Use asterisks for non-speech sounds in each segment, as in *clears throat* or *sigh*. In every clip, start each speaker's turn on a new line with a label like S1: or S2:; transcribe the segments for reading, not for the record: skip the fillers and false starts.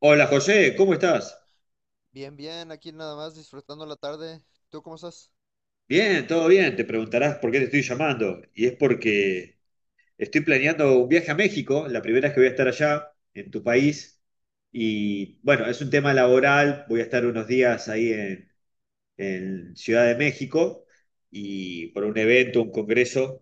S1: Hola José, ¿cómo estás?
S2: Bien, bien, aquí nada más disfrutando la tarde. ¿Tú cómo estás?
S1: Bien, todo bien. Te preguntarás por qué te estoy llamando. Y es porque estoy planeando un viaje a México, la primera vez que voy a estar allá, en tu país. Y bueno, es un tema laboral, voy a estar unos días ahí en Ciudad de México y por un evento, un congreso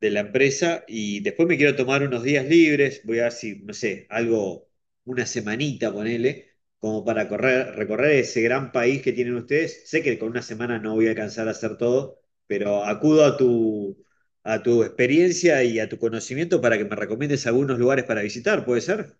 S1: de la empresa y después me quiero tomar unos días libres, voy a ver si, no sé, algo, una semanita, ponele, como para recorrer ese gran país que tienen ustedes. Sé que con una semana no voy a alcanzar a hacer todo, pero a tu experiencia y a tu conocimiento para que me recomiendes algunos lugares para visitar, ¿puede ser?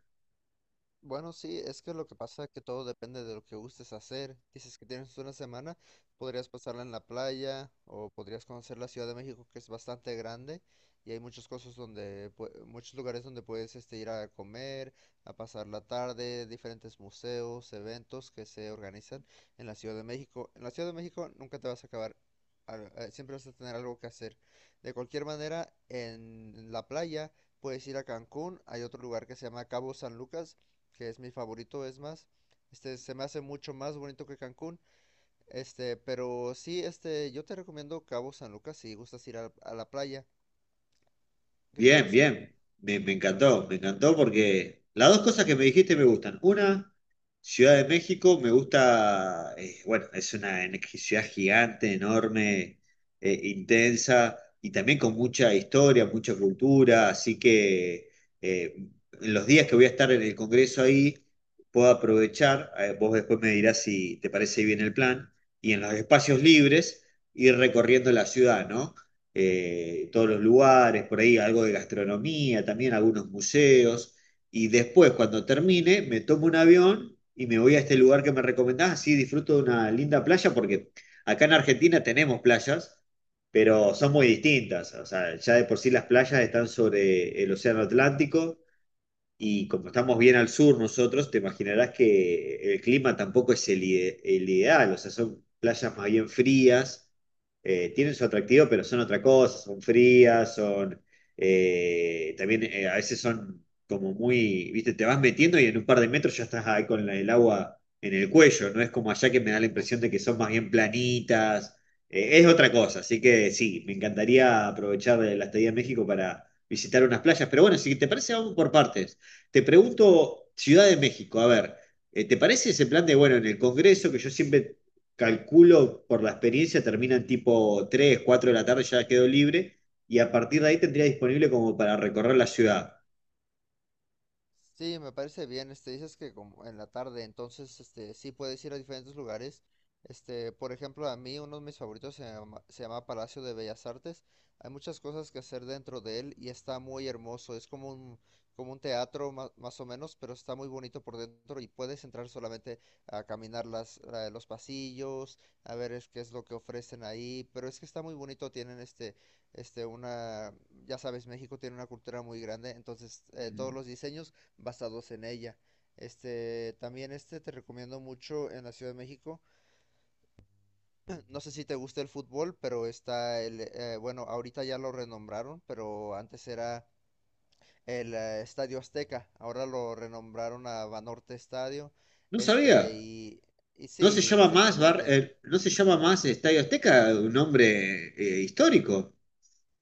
S2: Bueno, sí, es que lo que pasa es que todo depende de lo que gustes hacer. Dices que tienes una semana, podrías pasarla en la playa o podrías conocer la Ciudad de México, que es bastante grande y hay muchas cosas donde, muchos lugares donde puedes ir a comer, a pasar la tarde, diferentes museos, eventos que se organizan en la Ciudad de México. En la Ciudad de México nunca te vas a acabar, siempre vas a tener algo que hacer. De cualquier manera, en la playa puedes ir a Cancún. Hay otro lugar que se llama Cabo San Lucas que es mi favorito, es más. Se me hace mucho más bonito que Cancún. Pero sí, yo te recomiendo Cabo San Lucas si gustas ir a la playa. ¿Qué te
S1: Bien,
S2: parece?
S1: bien. Me encantó porque las dos cosas que me dijiste me gustan. Una, Ciudad de México, me gusta, bueno, es ciudad gigante, enorme, intensa y también con mucha historia, mucha cultura, así que eh, en los días que voy a estar en el Congreso ahí, puedo aprovechar, vos después me dirás si te parece bien el plan, y en los espacios libres ir recorriendo la ciudad, ¿no? Todos los lugares, por ahí algo de gastronomía, también algunos museos. Y después, cuando termine, me tomo un avión y me voy a este lugar que me recomendás. Así disfruto de una linda playa, porque acá en Argentina tenemos playas, pero son muy distintas. O sea, ya de por sí las playas están sobre el Océano Atlántico y como estamos bien al sur nosotros, te imaginarás que el clima tampoco es el ideal, o sea, son playas más bien frías, tienen su atractivo, pero son otra cosa, son frías, son, también a veces son como muy, viste, te vas metiendo y en un par de metros ya estás ahí con el agua en el cuello, no es como allá que me da la impresión de que son más bien planitas, es otra cosa, así que sí, me encantaría aprovechar la estadía en México para visitar unas playas, pero bueno, si te parece, vamos por partes. Te pregunto, Ciudad de México, a ver, ¿te parece ese plan de, bueno, en el Congreso, que yo siempre calculo por la experiencia, terminan tipo 3, 4 de la tarde, ya quedo libre, y a partir de ahí tendría disponible como para recorrer la ciudad?
S2: Sí, me parece bien. Dices que como en la tarde, entonces, sí puedes ir a diferentes lugares. Por ejemplo, a mí uno de mis favoritos se llama Palacio de Bellas Artes. Hay muchas cosas que hacer dentro de él y está muy hermoso. Es como un teatro más o menos, pero está muy bonito por dentro y puedes entrar solamente a caminar los pasillos, a ver qué es lo que ofrecen ahí. Pero es que está muy bonito. Tienen este, una, ya sabes, México tiene una cultura muy grande, entonces todos los diseños basados en ella. También te recomiendo mucho en la Ciudad de México. *clears throat* No sé si te gusta el fútbol, pero está bueno, ahorita ya lo renombraron, pero antes era el Estadio Azteca. Ahora lo renombraron a Banorte Estadio.
S1: No
S2: Este,
S1: sabía.
S2: y, y
S1: No se
S2: sí,
S1: llama más bar,
S2: recientemente.
S1: no se llama más Estadio Azteca, un nombre histórico.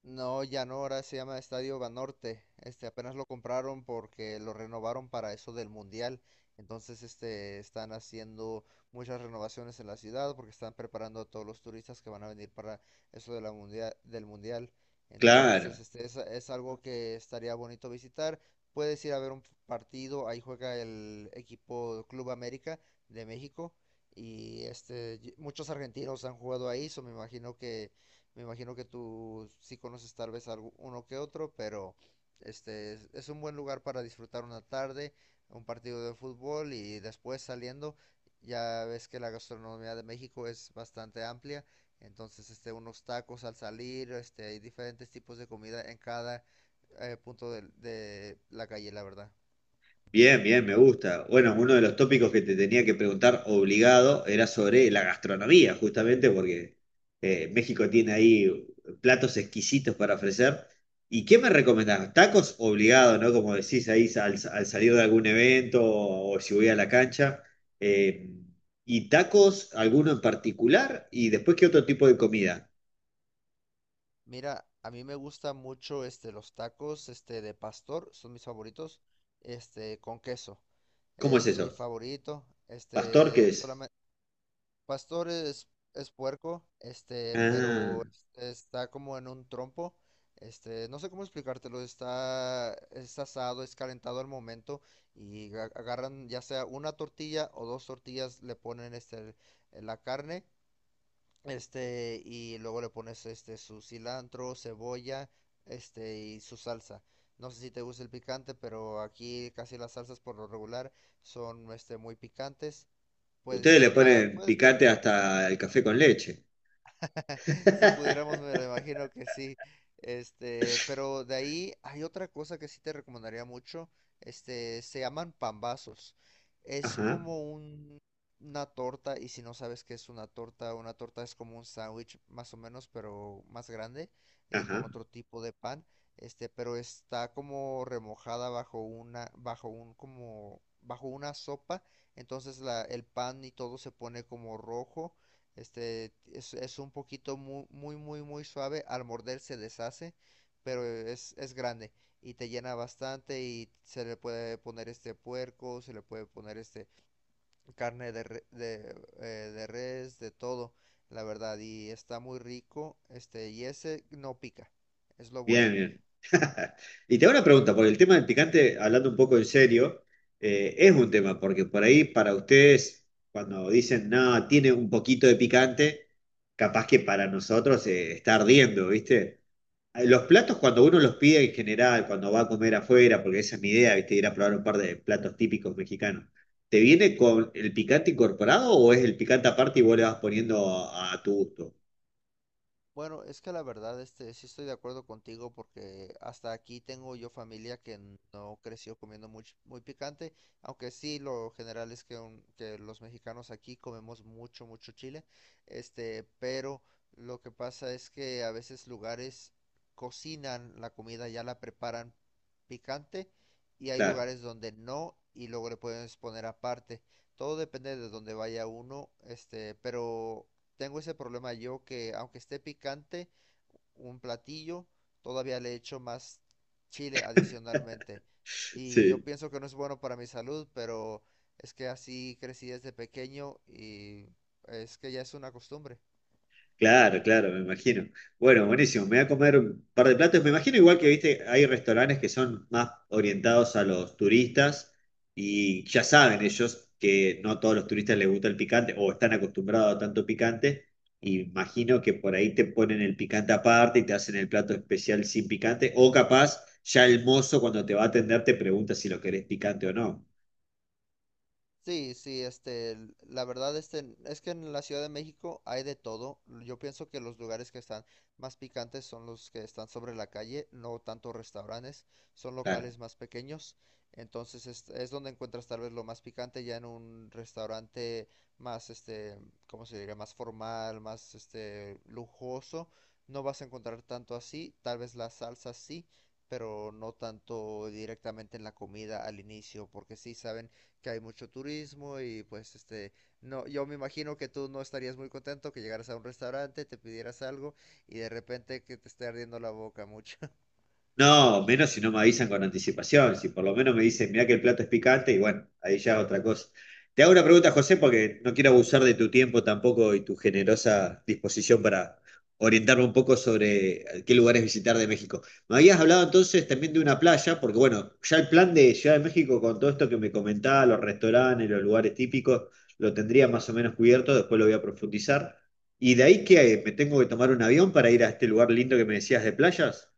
S2: No, ya no, ahora se llama Estadio Banorte. Apenas lo compraron porque lo renovaron para eso del Mundial. Entonces, están haciendo muchas renovaciones en la ciudad porque están preparando a todos los turistas que van a venir para eso de la del Mundial.
S1: Claro.
S2: Entonces, es algo que estaría bonito visitar. Puedes ir a ver un partido, ahí juega el equipo Club América de México y muchos argentinos han jugado ahí, so me imagino que tú sí conoces tal vez algo, uno que otro, pero es un buen lugar para disfrutar una tarde, un partido de fútbol. Y después saliendo, ya ves que la gastronomía de México es bastante amplia, entonces unos tacos al salir. Hay diferentes tipos de comida en cada punto de la calle, la verdad.
S1: Bien, bien, me gusta. Bueno, uno de los tópicos que te tenía que preguntar obligado era sobre la gastronomía, justamente porque México tiene ahí platos exquisitos para ofrecer. ¿Y qué me recomendás? Tacos obligado, ¿no? Como decís ahí al salir de algún evento o, si voy a la cancha. Eh, ¿Y tacos, alguno en particular? ¿Y después qué otro tipo de comida?
S2: Mira, a mí me gusta mucho los tacos de pastor, son mis favoritos, con queso.
S1: ¿Cómo es
S2: Es mi
S1: eso?
S2: favorito.
S1: ¿Pastor qué
S2: Este
S1: es?
S2: solamente pastor es puerco. este,
S1: Ah,
S2: pero este, está como en un trompo. No sé cómo explicártelo. Está es asado, es calentado al momento y agarran ya sea una tortilla o dos tortillas, le ponen la carne y luego le pones su cilantro, cebolla, y su salsa. No sé si te gusta el picante, pero aquí casi las salsas por lo regular son muy picantes. Puedes
S1: ustedes
S2: es-
S1: le
S2: ah,
S1: ponen
S2: puedes pre-
S1: picante hasta el café con leche.
S2: *laughs* Si pudiéramos,
S1: *laughs*
S2: me lo imagino que sí. Pero de ahí hay otra cosa que sí te recomendaría mucho. Se llaman pambazos. Es
S1: Ajá,
S2: como un, una torta, y si no sabes qué es una torta es como un sándwich más o menos, pero más grande y con
S1: ajá.
S2: otro tipo de pan. Pero está como remojada bajo una, bajo un, como, bajo una sopa. Entonces el pan y todo se pone como rojo. Es un poquito muy, muy, muy, muy suave. Al morder se deshace, pero es grande y te llena bastante, y se le puede poner puerco, se le puede poner carne de res, de todo, la verdad. Y está muy rico, y ese no pica. Es lo
S1: Bien,
S2: bueno.
S1: bien. *laughs* Y te hago una pregunta, porque el tema del picante, hablando un poco en serio, es un tema, porque por ahí para ustedes, cuando dicen, no, tiene un poquito de picante, capaz que para nosotros está ardiendo, ¿viste? Los platos cuando uno los pide en general, cuando va a comer afuera, porque esa es mi idea, ¿viste? Ir a probar un par de platos típicos mexicanos, ¿te viene con el picante incorporado o es el picante aparte y vos le vas poniendo a tu gusto?
S2: Bueno, es que la verdad, sí estoy de acuerdo contigo porque hasta aquí tengo yo familia que no creció comiendo muy, muy picante, aunque sí lo general es que los mexicanos aquí comemos mucho, mucho chile. Pero lo que pasa es que a veces lugares cocinan la comida, ya la preparan picante, y hay
S1: Claro,
S2: lugares donde no y luego le puedes poner aparte. Todo depende de dónde vaya uno. Pero tengo ese problema yo, que aunque esté picante un platillo, todavía le echo más chile adicionalmente. Y yo
S1: *laughs* sí.
S2: pienso que no es bueno para mi salud, pero es que así crecí desde pequeño y es que ya es una costumbre.
S1: Claro, claro, me imagino. Bueno, buenísimo. Me voy a comer un par de platos. Me imagino igual que, viste, hay restaurantes que son más orientados a los turistas y ya saben ellos que no a todos los turistas les gusta el picante o están acostumbrados a tanto picante. Y imagino que por ahí te ponen el picante aparte y te hacen el plato especial sin picante. O capaz ya el mozo cuando te va a atender te pregunta si lo querés picante o no.
S2: Sí, sí, la verdad, es que en la Ciudad de México hay de todo. Yo pienso que los lugares que están más picantes son los que están sobre la calle, no tanto restaurantes, son
S1: Claro.
S2: locales más pequeños. Entonces es donde encuentras tal vez lo más picante. Ya en un restaurante más, ¿cómo se diría? Más formal, más, lujoso. No vas a encontrar tanto así, tal vez la salsa sí, pero no tanto directamente en la comida al inicio, porque sí saben que hay mucho turismo y pues no, yo me imagino que tú no estarías muy contento que llegaras a un restaurante, te pidieras algo y de repente que te esté ardiendo la boca mucho. *laughs*
S1: No, menos si no me avisan con anticipación, si por lo menos me dicen, mirá que el plato es picante y bueno, ahí ya otra cosa. Te hago una pregunta, José, porque no quiero abusar de tu tiempo tampoco y tu generosa disposición para orientarme un poco sobre qué lugares visitar de México. Me habías hablado entonces también de una playa, porque bueno, ya el plan de Ciudad de México con todo esto que me comentaba, los restaurantes, los lugares típicos, lo tendría más o menos cubierto, después lo voy a profundizar. ¿Y de ahí que me tengo que tomar un avión para ir a este lugar lindo que me decías de playas?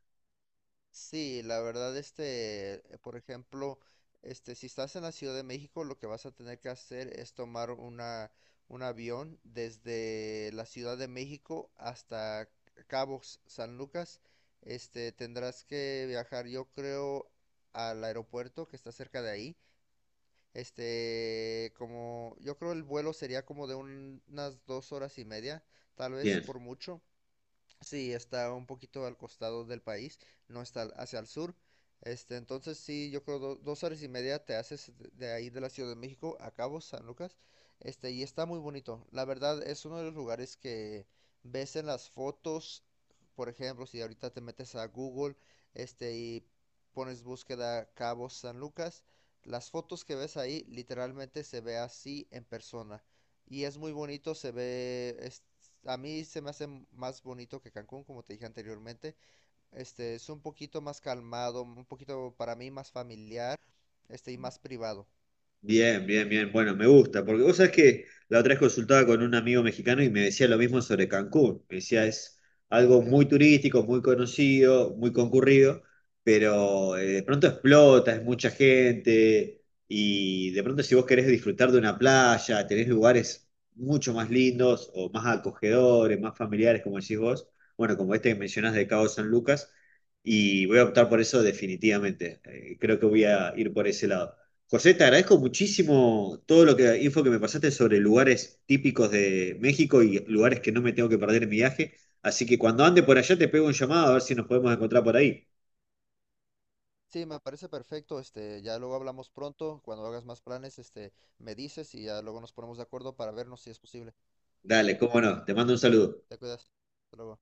S2: Sí, la verdad, por ejemplo, si estás en la Ciudad de México, lo que vas a tener que hacer es tomar un avión desde la Ciudad de México hasta Cabos, San Lucas. Tendrás que viajar, yo creo, al aeropuerto que está cerca de ahí. Como yo creo el vuelo sería como de unas dos horas y media, tal vez
S1: Bien.
S2: por mucho. Sí, está un poquito al costado del país, no está hacia el sur. Entonces sí, yo creo dos horas y media te haces de ahí de la Ciudad de México a Cabo San Lucas. Y está muy bonito. La verdad es uno de los lugares que ves en las fotos. Por ejemplo, si ahorita te metes a Google, y pones búsqueda Cabo San Lucas, las fotos que ves ahí literalmente se ve así en persona. Y es muy bonito, se ve, a mí se me hace más bonito que Cancún, como te dije anteriormente. Este es un poquito más calmado, un poquito para mí más familiar, y más privado.
S1: Bien, bien, bien. Bueno, me gusta, porque vos sabés que la otra vez consultaba con un amigo mexicano y me decía lo mismo sobre Cancún. Me decía, es algo muy turístico, muy conocido, muy concurrido, pero de pronto explota, es mucha gente y de pronto si vos querés disfrutar de una playa, tenés lugares mucho más lindos o más acogedores, más familiares, como decís vos, bueno, como este que mencionás de Cabo San Lucas, y voy a optar por eso definitivamente. Creo que voy a ir por ese lado. José, te agradezco muchísimo todo lo que info que me pasaste sobre lugares típicos de México y lugares que no me tengo que perder en mi viaje. Así que cuando ande por allá te pego un llamado a ver si nos podemos encontrar por ahí.
S2: Sí, me parece perfecto. Ya luego hablamos pronto. Cuando hagas más planes, me dices y ya luego nos ponemos de acuerdo para vernos si es posible.
S1: Dale, cómo no, te mando un
S2: Vale,
S1: saludo.
S2: te cuidas. Hasta luego.